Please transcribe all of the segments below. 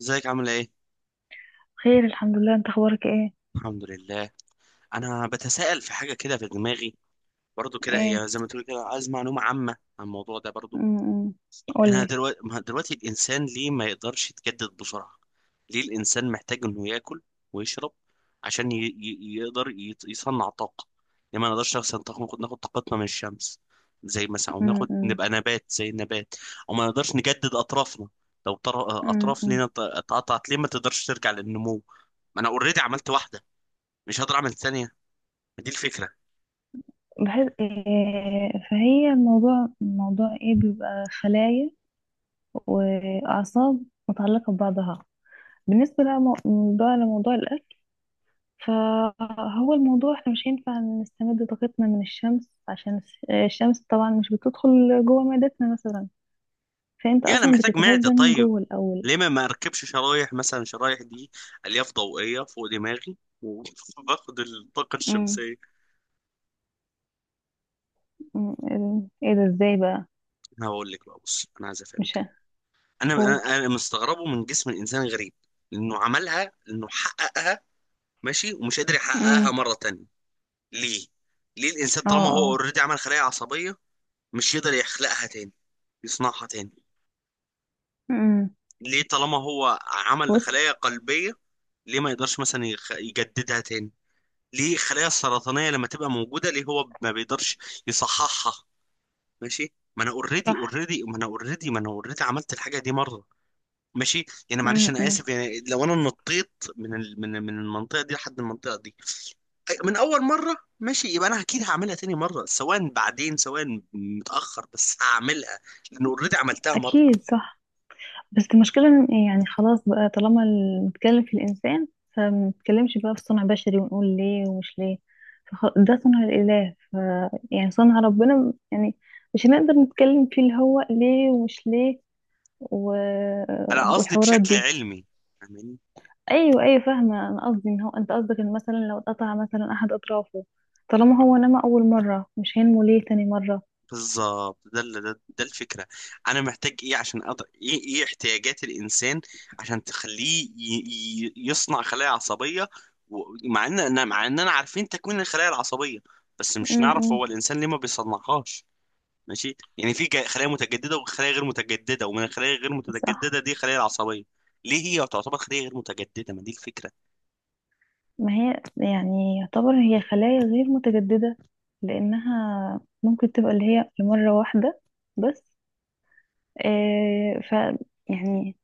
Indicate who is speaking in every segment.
Speaker 1: ازيك عامل ايه؟
Speaker 2: خير، الحمد لله. انت اخبارك ايه؟
Speaker 1: الحمد لله. انا بتساءل في حاجه كده في دماغي برضو، كده
Speaker 2: ايه.
Speaker 1: هي زي ما تقول كده، عايز معلومه عامه عن الموضوع ده برضو.
Speaker 2: امم
Speaker 1: انا
Speaker 2: قولي.
Speaker 1: دلوقتي، ما دلوقتي الانسان ليه ما يقدرش يتجدد بسرعه؟ ليه الانسان محتاج انه ياكل ويشرب عشان يقدر يصنع طاقه؟ ليه ما نقدرش مثلا ناخد طاقتنا من الشمس، زي مثلا، او ناخد
Speaker 2: امم.
Speaker 1: نبقى نبات زي النبات؟ او ما نقدرش نجدد اطرافنا؟ لو اطراف
Speaker 2: امم
Speaker 1: لينا اتقطعت ليه ما تقدرش ترجع للنمو؟ ما انا اوريدي عملت واحده، مش هقدر اعمل ثانيه؟ دي الفكره.
Speaker 2: بحس إيه، فهي الموضوع موضوع ايه بيبقى خلايا واعصاب متعلقة ببعضها. بالنسبة لموضوع الاكل، فهو الموضوع احنا مش هينفع نستمد طاقتنا من الشمس، عشان الشمس طبعا مش بتدخل جوه معدتنا مثلا. فانت
Speaker 1: يعني انا
Speaker 2: اصلا
Speaker 1: محتاج معده،
Speaker 2: بتتغذى من
Speaker 1: طيب
Speaker 2: جوه الاول.
Speaker 1: ليه ما اركبش شرايح مثلا، شرايح دي الياف ضوئيه فوق دماغي وباخد الطاقه
Speaker 2: امم
Speaker 1: الشمسيه؟
Speaker 2: ايه ده، ازاي بقى؟
Speaker 1: انا هقول لك بقى، بص انا عايز
Speaker 2: مش
Speaker 1: افهمك. انا مستغربه من جسم الانسان غريب، لانه عملها، لانه حققها، ماشي، ومش قادر يحققها
Speaker 2: هقول.
Speaker 1: مره تانية. ليه؟ ليه الانسان
Speaker 2: اه
Speaker 1: طالما هو
Speaker 2: اه.
Speaker 1: اوريدي عمل خلايا عصبيه مش يقدر يخلقها تاني، يصنعها تاني؟
Speaker 2: امم
Speaker 1: ليه طالما هو عمل
Speaker 2: بص.
Speaker 1: خلايا قلبية ليه ما يقدرش مثلا يجددها تاني؟ ليه الخلايا السرطانية لما تبقى موجودة ليه هو ما بيقدرش يصححها؟ ماشي، ما انا اوريدي
Speaker 2: صح.
Speaker 1: اوريدي ما انا اوريدي ما انا اوريدي عملت الحاجة دي مرة، ماشي. يعني معلش انا
Speaker 2: امم.
Speaker 1: اسف، يعني لو انا نطيت من ال... من من المنطقة دي لحد المنطقة دي، من اول مرة، ماشي، يبقى انا اكيد هعملها تاني مرة، سواء بعدين، سواء متأخر، بس هعملها، لان اوريدي عملتها مرة.
Speaker 2: اكيد صح. بس المشكله إن إيه، يعني خلاص بقى طالما نتكلم في الانسان، فما نتكلمش بقى في صنع بشري ونقول ليه ومش ليه. ده صنع الاله، ف، يعني صنع ربنا يعني. مش هنقدر نتكلم فيه اللي هو ليه ومش ليه و...
Speaker 1: انا قصدي
Speaker 2: والحوارات
Speaker 1: بشكل
Speaker 2: دي.
Speaker 1: علمي. فاهماني؟
Speaker 2: ايوه ايوه، فاهمه. انا قصدي ان هو انت قصدك ان مثلا لو اتقطع مثلا احد اطرافه، طالما هو نما اول مره، مش هينمو ليه تاني مره.
Speaker 1: بالظبط، ده ال- ده ده الفكره. انا محتاج ايه عشان أقدر ايه، ايه احتياجات الانسان عشان تخليه يصنع خلايا عصبيه؟ ومع ان مع اننا عارفين تكوين الخلايا العصبيه، بس مش نعرف
Speaker 2: امم.
Speaker 1: هو الانسان ليه ما بيصنعهاش. ماشي، يعني في خلايا متجدده وخلايا غير متجدده، ومن الخلايا غير
Speaker 2: صح.
Speaker 1: متجدده دي خلايا العصبيه. ليه هي تعتبر خليه غير متجدده؟ ما دي الفكره.
Speaker 2: ما هي يعني يعتبر هي خلايا غير متجددة، لأنها ممكن تبقى اللي هي لمرة واحدة بس. آه ف يعني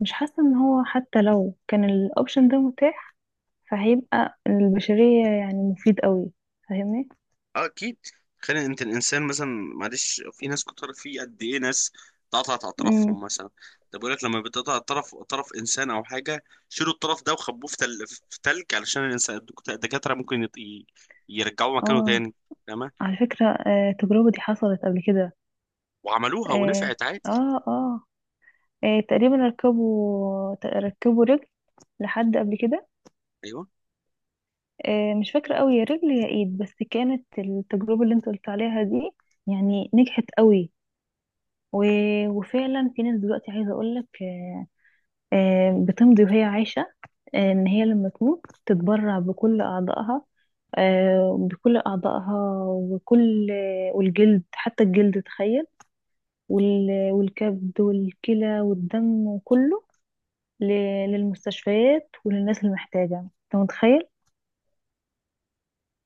Speaker 2: مش حاسة إن هو حتى لو كان الأوبشن ده متاح، فهيبقى البشرية يعني مفيد قوي. فاهمني؟
Speaker 1: اه اكيد. تخيل انت الانسان مثلا، معلش في ناس كتر، في قد ايه ناس اتقطعت
Speaker 2: امم.
Speaker 1: اطرافهم مثلا. ده بيقول لك لما بتقطع طرف انسان او حاجه شيلوا الطرف ده وخبوه في تلج علشان الانسان الدكاتره ممكن يرجعوه مكانه
Speaker 2: اه.
Speaker 1: تاني. تمام،
Speaker 2: على فكرة آه، التجربة دي حصلت قبل كده.
Speaker 1: وعملوها
Speaker 2: اه.
Speaker 1: ونفعت عادي.
Speaker 2: اه, آه, آه، تقريبا ركبوا رجل لحد قبل كده.
Speaker 1: ايوه.
Speaker 2: آه، مش فاكرة قوي يا رجل يا ايد، بس كانت التجربة اللي انت قلت عليها دي يعني نجحت قوي. و... وفعلا في ناس دلوقتي عايزة اقولك بتمضي وهي عايشة ان هي لما تموت تتبرع بكل اعضائها. بكل اعضائها وكل والجلد، حتى الجلد، تخيل. والكبد والكلى والدم وكله. ل... للمستشفيات وللناس المحتاجة. انت متخيل؟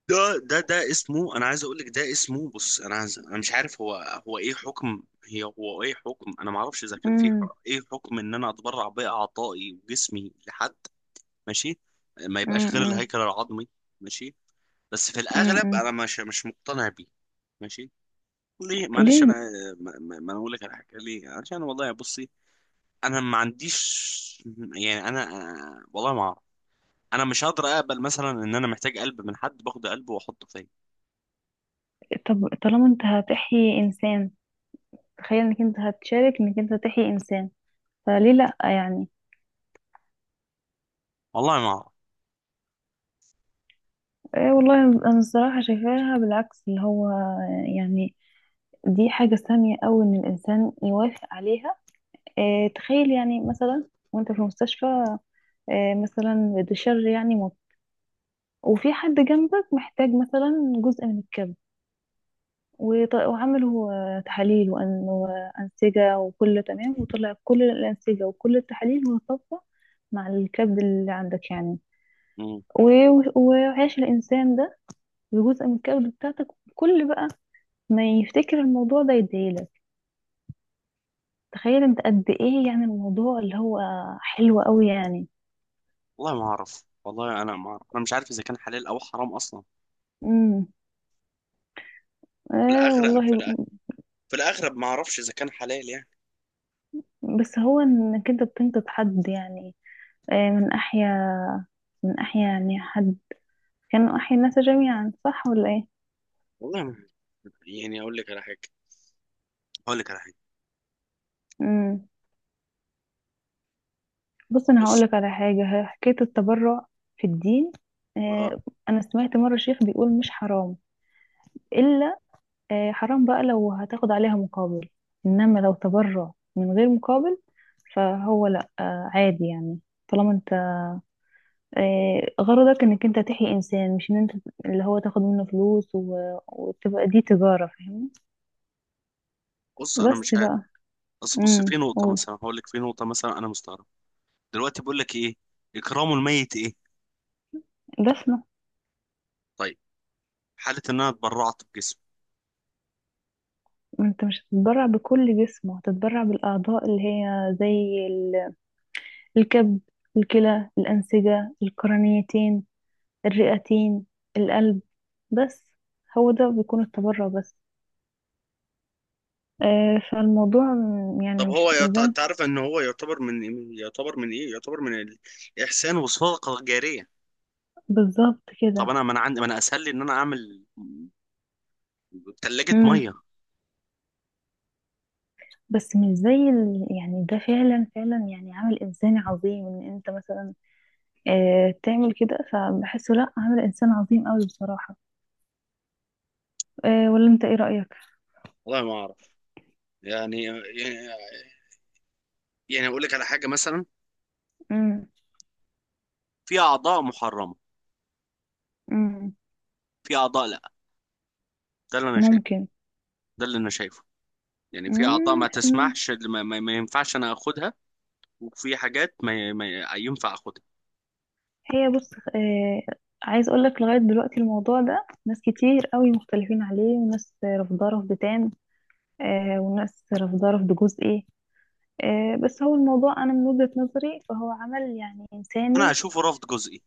Speaker 1: ده اسمه، انا عايز اقول لك ده اسمه، بص انا عايز، انا مش عارف هو، هو ايه حكم هي، هو ايه حكم انا ما اعرفش اذا كان
Speaker 2: امم.
Speaker 1: ايه حكم ان انا اتبرع باعضائي وجسمي لحد، ماشي، ما يبقاش غير
Speaker 2: امم.
Speaker 1: الهيكل العظمي، ماشي. بس في الاغلب
Speaker 2: امم.
Speaker 1: انا مش مقتنع بيه، ماشي. ليه؟ معلش انا،
Speaker 2: ليه؟
Speaker 1: ما انا اقول لك على حاجه ليه. عشان والله بصي، انا ما عنديش، يعني انا، آه، والله ما اعرف. انا مش هقدر اقبل مثلا ان انا محتاج قلب من حد، باخد قلبه واحطه فيا.
Speaker 2: طب طالما انت هتحيي انسان، تخيل انك انت هتشارك، انك انت تحيي انسان، فليه لا يعني؟
Speaker 1: والله ما اعرف.
Speaker 2: ايه والله، انا الصراحه شايفاها بالعكس اللي هو يعني دي حاجه ساميه قوي ان الانسان يوافق عليها. إيه تخيل، يعني مثلا وانت في المستشفى إيه، مثلا بتشر يعني موت، وفي حد جنبك محتاج مثلا جزء من الكبد، وعملوا آه، تحاليل وأنسجة وكله تمام، وطلع كل الأنسجة وكل التحاليل متطابقة مع الكبد اللي عندك يعني.
Speaker 1: مم.
Speaker 2: وعيش الإنسان ده بجزء من الكبد بتاعتك. كل بقى ما يفتكر الموضوع ده يديلك، تخيل انت قد ايه، يعني الموضوع اللي هو حلو قوي يعني.
Speaker 1: والله ما اعرف، والله انا ما اعرف، انا مش عارف اذا كان حلال او حرام اصلا.
Speaker 2: امم.
Speaker 1: في
Speaker 2: اه
Speaker 1: الاغلب،
Speaker 2: والله.
Speaker 1: في الاغلب ما اعرفش اذا كان حلال يعني.
Speaker 2: بس هو انك انت بتنقذ حد يعني آه، من احيا، من احيا يعني حد كانوا احيا الناس جميعا، صح ولا ايه؟
Speaker 1: والله ما يعني اقول لك على حاجه، اقول لك على حاجه.
Speaker 2: امم. بص، انا هقول
Speaker 1: بص.
Speaker 2: لك على حاجه. حكايه التبرع في الدين
Speaker 1: آه.
Speaker 2: آه، انا سمعت مره شيخ بيقول مش حرام، الا حرام بقى لو هتاخد عليها مقابل، انما لو تبرع من غير مقابل فهو لا، عادي يعني. طالما انت غرضك انك انت تحيي انسان، مش ان انت اللي هو تاخد منه فلوس وتبقى دي تجاره. فاهمني؟
Speaker 1: بص انا
Speaker 2: بس
Speaker 1: مش عارف،
Speaker 2: بقى.
Speaker 1: بس بص، في
Speaker 2: امم.
Speaker 1: نقطه
Speaker 2: قول.
Speaker 1: مثلا هقول لك، في نقطه مثلا انا مستغرب. دلوقتي بقول لك ايه، اكرام الميت ايه؟
Speaker 2: دفنه.
Speaker 1: طيب، حاله ان انا اتبرعت بجسمي.
Speaker 2: انت مش هتتبرع بكل جسمه، هتتبرع بالاعضاء اللي هي زي الكبد، الكلى، الأنسجة، القرنيتين، الرئتين، القلب، بس. هو ده بيكون التبرع بس. آه، يعني مش زي.
Speaker 1: انت عارف ان هو يعتبر من إيه؟ يعتبر من ايه، يعتبر من الاحسان والصدقه الجاريه.
Speaker 2: بالظبط
Speaker 1: طب
Speaker 2: كده.
Speaker 1: انا، ما انا عندي، ما انا اسهل لي ان انا اعمل ثلاجه
Speaker 2: امم
Speaker 1: ميه.
Speaker 2: بس مش زي يعني ده فعلا فعلا يعني عمل إنساني عظيم إن أنت مثلا آه تعمل كده، فبحسه لأ، عمل إنسان عظيم أوي بصراحة آه. ولا أنت إيه رأيك؟
Speaker 1: والله ما اعرف، يعني. يعني اقول لك على حاجه مثلا،
Speaker 2: امم.
Speaker 1: في اعضاء محرمه،
Speaker 2: امم.
Speaker 1: في اعضاء لا. ده اللي انا شايفه،
Speaker 2: ممكن.
Speaker 1: ده اللي انا شايفه. يعني في اعضاء ما
Speaker 2: مم.
Speaker 1: تسمحش، ما ينفعش انا اخدها. وفي حاجات ما ينفع اخدها.
Speaker 2: هي بص آه، عايز اقول لك لغايه دلوقتي الموضوع ده ناس كتير قوي مختلفين عليه، وناس رافضاه رفض تام آه، وناس رافضاه رفض جزئي آه. بس هو الموضوع انا من وجهه نظري فهو عمل يعني
Speaker 1: انا
Speaker 2: انساني.
Speaker 1: اشوفه رفض جزئي،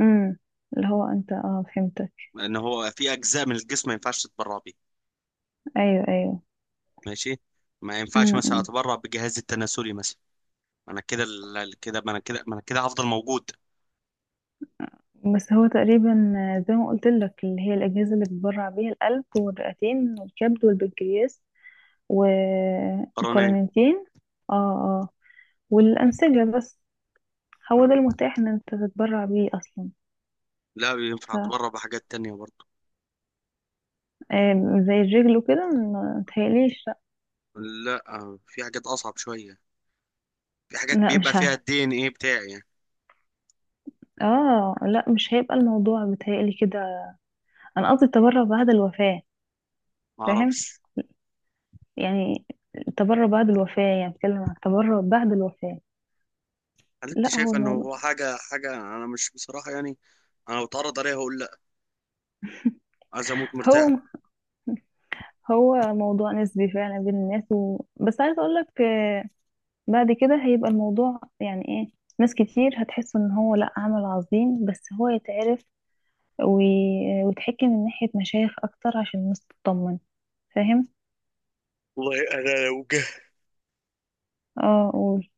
Speaker 2: امم. اللي هو انت اه، فهمتك.
Speaker 1: ان هو في اجزاء من الجسم ما ينفعش تتبرع بيه،
Speaker 2: ايوه ايوه.
Speaker 1: ماشي. ما ينفعش مثلا
Speaker 2: امم
Speaker 1: اتبرع بجهازي التناسلي مثلا. انا كده، ال- كده ما انا كده ما انا كده هفضل موجود.
Speaker 2: بس هو تقريبا آه، زي ما قلت لك اللي هي الاجهزه اللي بتبرع بيها: القلب والرئتين والكبد والبنكرياس
Speaker 1: قرنيا.
Speaker 2: والقولونتين. اه. اه، والانسجه بس. هو ده المتاح ان انت تتبرع بيه اصلا.
Speaker 1: لا،
Speaker 2: ف
Speaker 1: ينفع اتبرع بحاجات تانية برضه.
Speaker 2: آم، زي الرجل وكده ما متهيأليش لا.
Speaker 1: لا، في حاجات اصعب شوية، في حاجات
Speaker 2: لا،
Speaker 1: بيبقى
Speaker 2: مش
Speaker 1: فيها
Speaker 2: عارفه.
Speaker 1: الدي ان ايه بتاعي يعني.
Speaker 2: اه لا، مش هيبقى الموضوع بتهيألي كده. انا قصدي التبرع بعد الوفاه.
Speaker 1: ما
Speaker 2: فاهم؟
Speaker 1: اعرفش.
Speaker 2: يعني التبرع بعد الوفاه، يعني بتكلم عن التبرع بعد الوفاه.
Speaker 1: هل انت
Speaker 2: لا هو
Speaker 1: شايف انه
Speaker 2: الموضوع.
Speaker 1: هو حاجة، حاجة انا مش بصراحة يعني، انا لو اتعرض عليها هقول لا. عايز اموت مرتاح.
Speaker 2: هو هو موضوع نسبي فعلا بين الناس و... بس عايز اقول لك بعد كده هيبقى الموضوع يعني ايه، ناس كتير هتحس ان هو لا عمل عظيم، بس هو يتعرف وتحكي من ناحية مشايخ أكتر عشان الناس تطمن. فاهم؟
Speaker 1: والله انا لو جه،
Speaker 2: اه قول.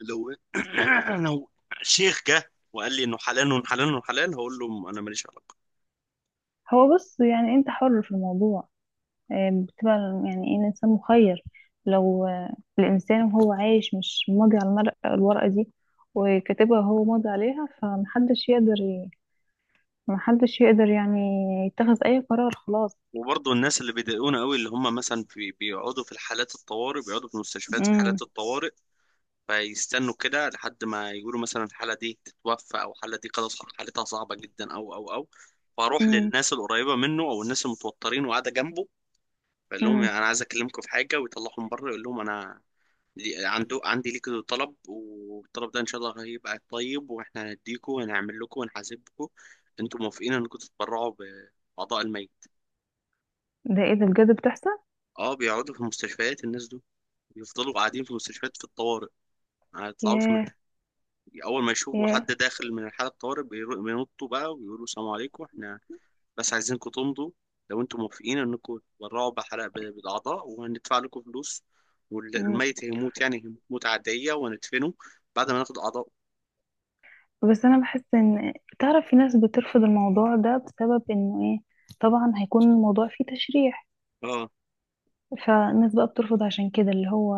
Speaker 1: لو لو شيخ جه وقال لي انه حلال وحلال وحلال، هقول له انا ماليش علاقه.
Speaker 2: هو بص، يعني انت حر في الموضوع آه، بتبقى يعني ايه، الإنسان مخير. لو الإنسان وهو عايش مش ماضي على المرقة الورقة دي، وكاتبها هو ماضي عليها، فمحدش يقدر محدش يقدر يعني يتخذ أي قرار خلاص.
Speaker 1: وبرضه الناس اللي بيضايقونا قوي، اللي هم مثلا في بيقعدوا في الحالات الطوارئ، بيقعدوا في المستشفيات في
Speaker 2: امم.
Speaker 1: حالات الطوارئ، فيستنوا كده لحد ما يقولوا مثلا الحاله دي تتوفى او الحاله دي خلاص حالتها صعبه جدا او او او، فاروح
Speaker 2: امم.
Speaker 1: للناس القريبه منه او الناس المتوترين وقاعده جنبه، بقول لهم
Speaker 2: امم.
Speaker 1: يعني انا عايز اكلمكم في حاجه، ويطلعهم بره، يقول لهم انا لي- عنده عندي ليك طلب، والطلب ده ان شاء الله هيبقى طيب واحنا هنديكوا وهنعمل لكم ونحاسبكم، انتوا موافقين انكم تتبرعوا باعضاء الميت؟
Speaker 2: ده ايه، ده بجد بتحصل؟
Speaker 1: اه، بيقعدوا في المستشفيات الناس دول، بيفضلوا قاعدين في المستشفيات في الطوارئ، ما يطلعوش من،
Speaker 2: ياه.
Speaker 1: اول ما يشوفوا
Speaker 2: ياه.
Speaker 1: حد داخل من حالة طوارئ بينطوا بقى ويقولوا السلام عليكم، احنا بس عايزينكم تمضوا لو انتم موافقين انكم تتبرعوا بحلقة بالاعضاء، وهندفع لكم فلوس،
Speaker 2: امم.
Speaker 1: والميت هيموت يعني هيموت موتة عادية وهندفنه بعد ما ناخد اعضاء.
Speaker 2: بس انا بحس ان، تعرف في ناس بترفض الموضوع ده بسبب انه ايه، طبعا هيكون الموضوع فيه تشريح. فالناس بقى بترفض عشان كده اللي هو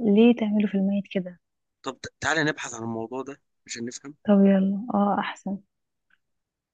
Speaker 2: ليه تعملوا في الميت كده.
Speaker 1: طب تعالى نبحث عن الموضوع ده عشان نفهم.
Speaker 2: طب يلا اه احسن.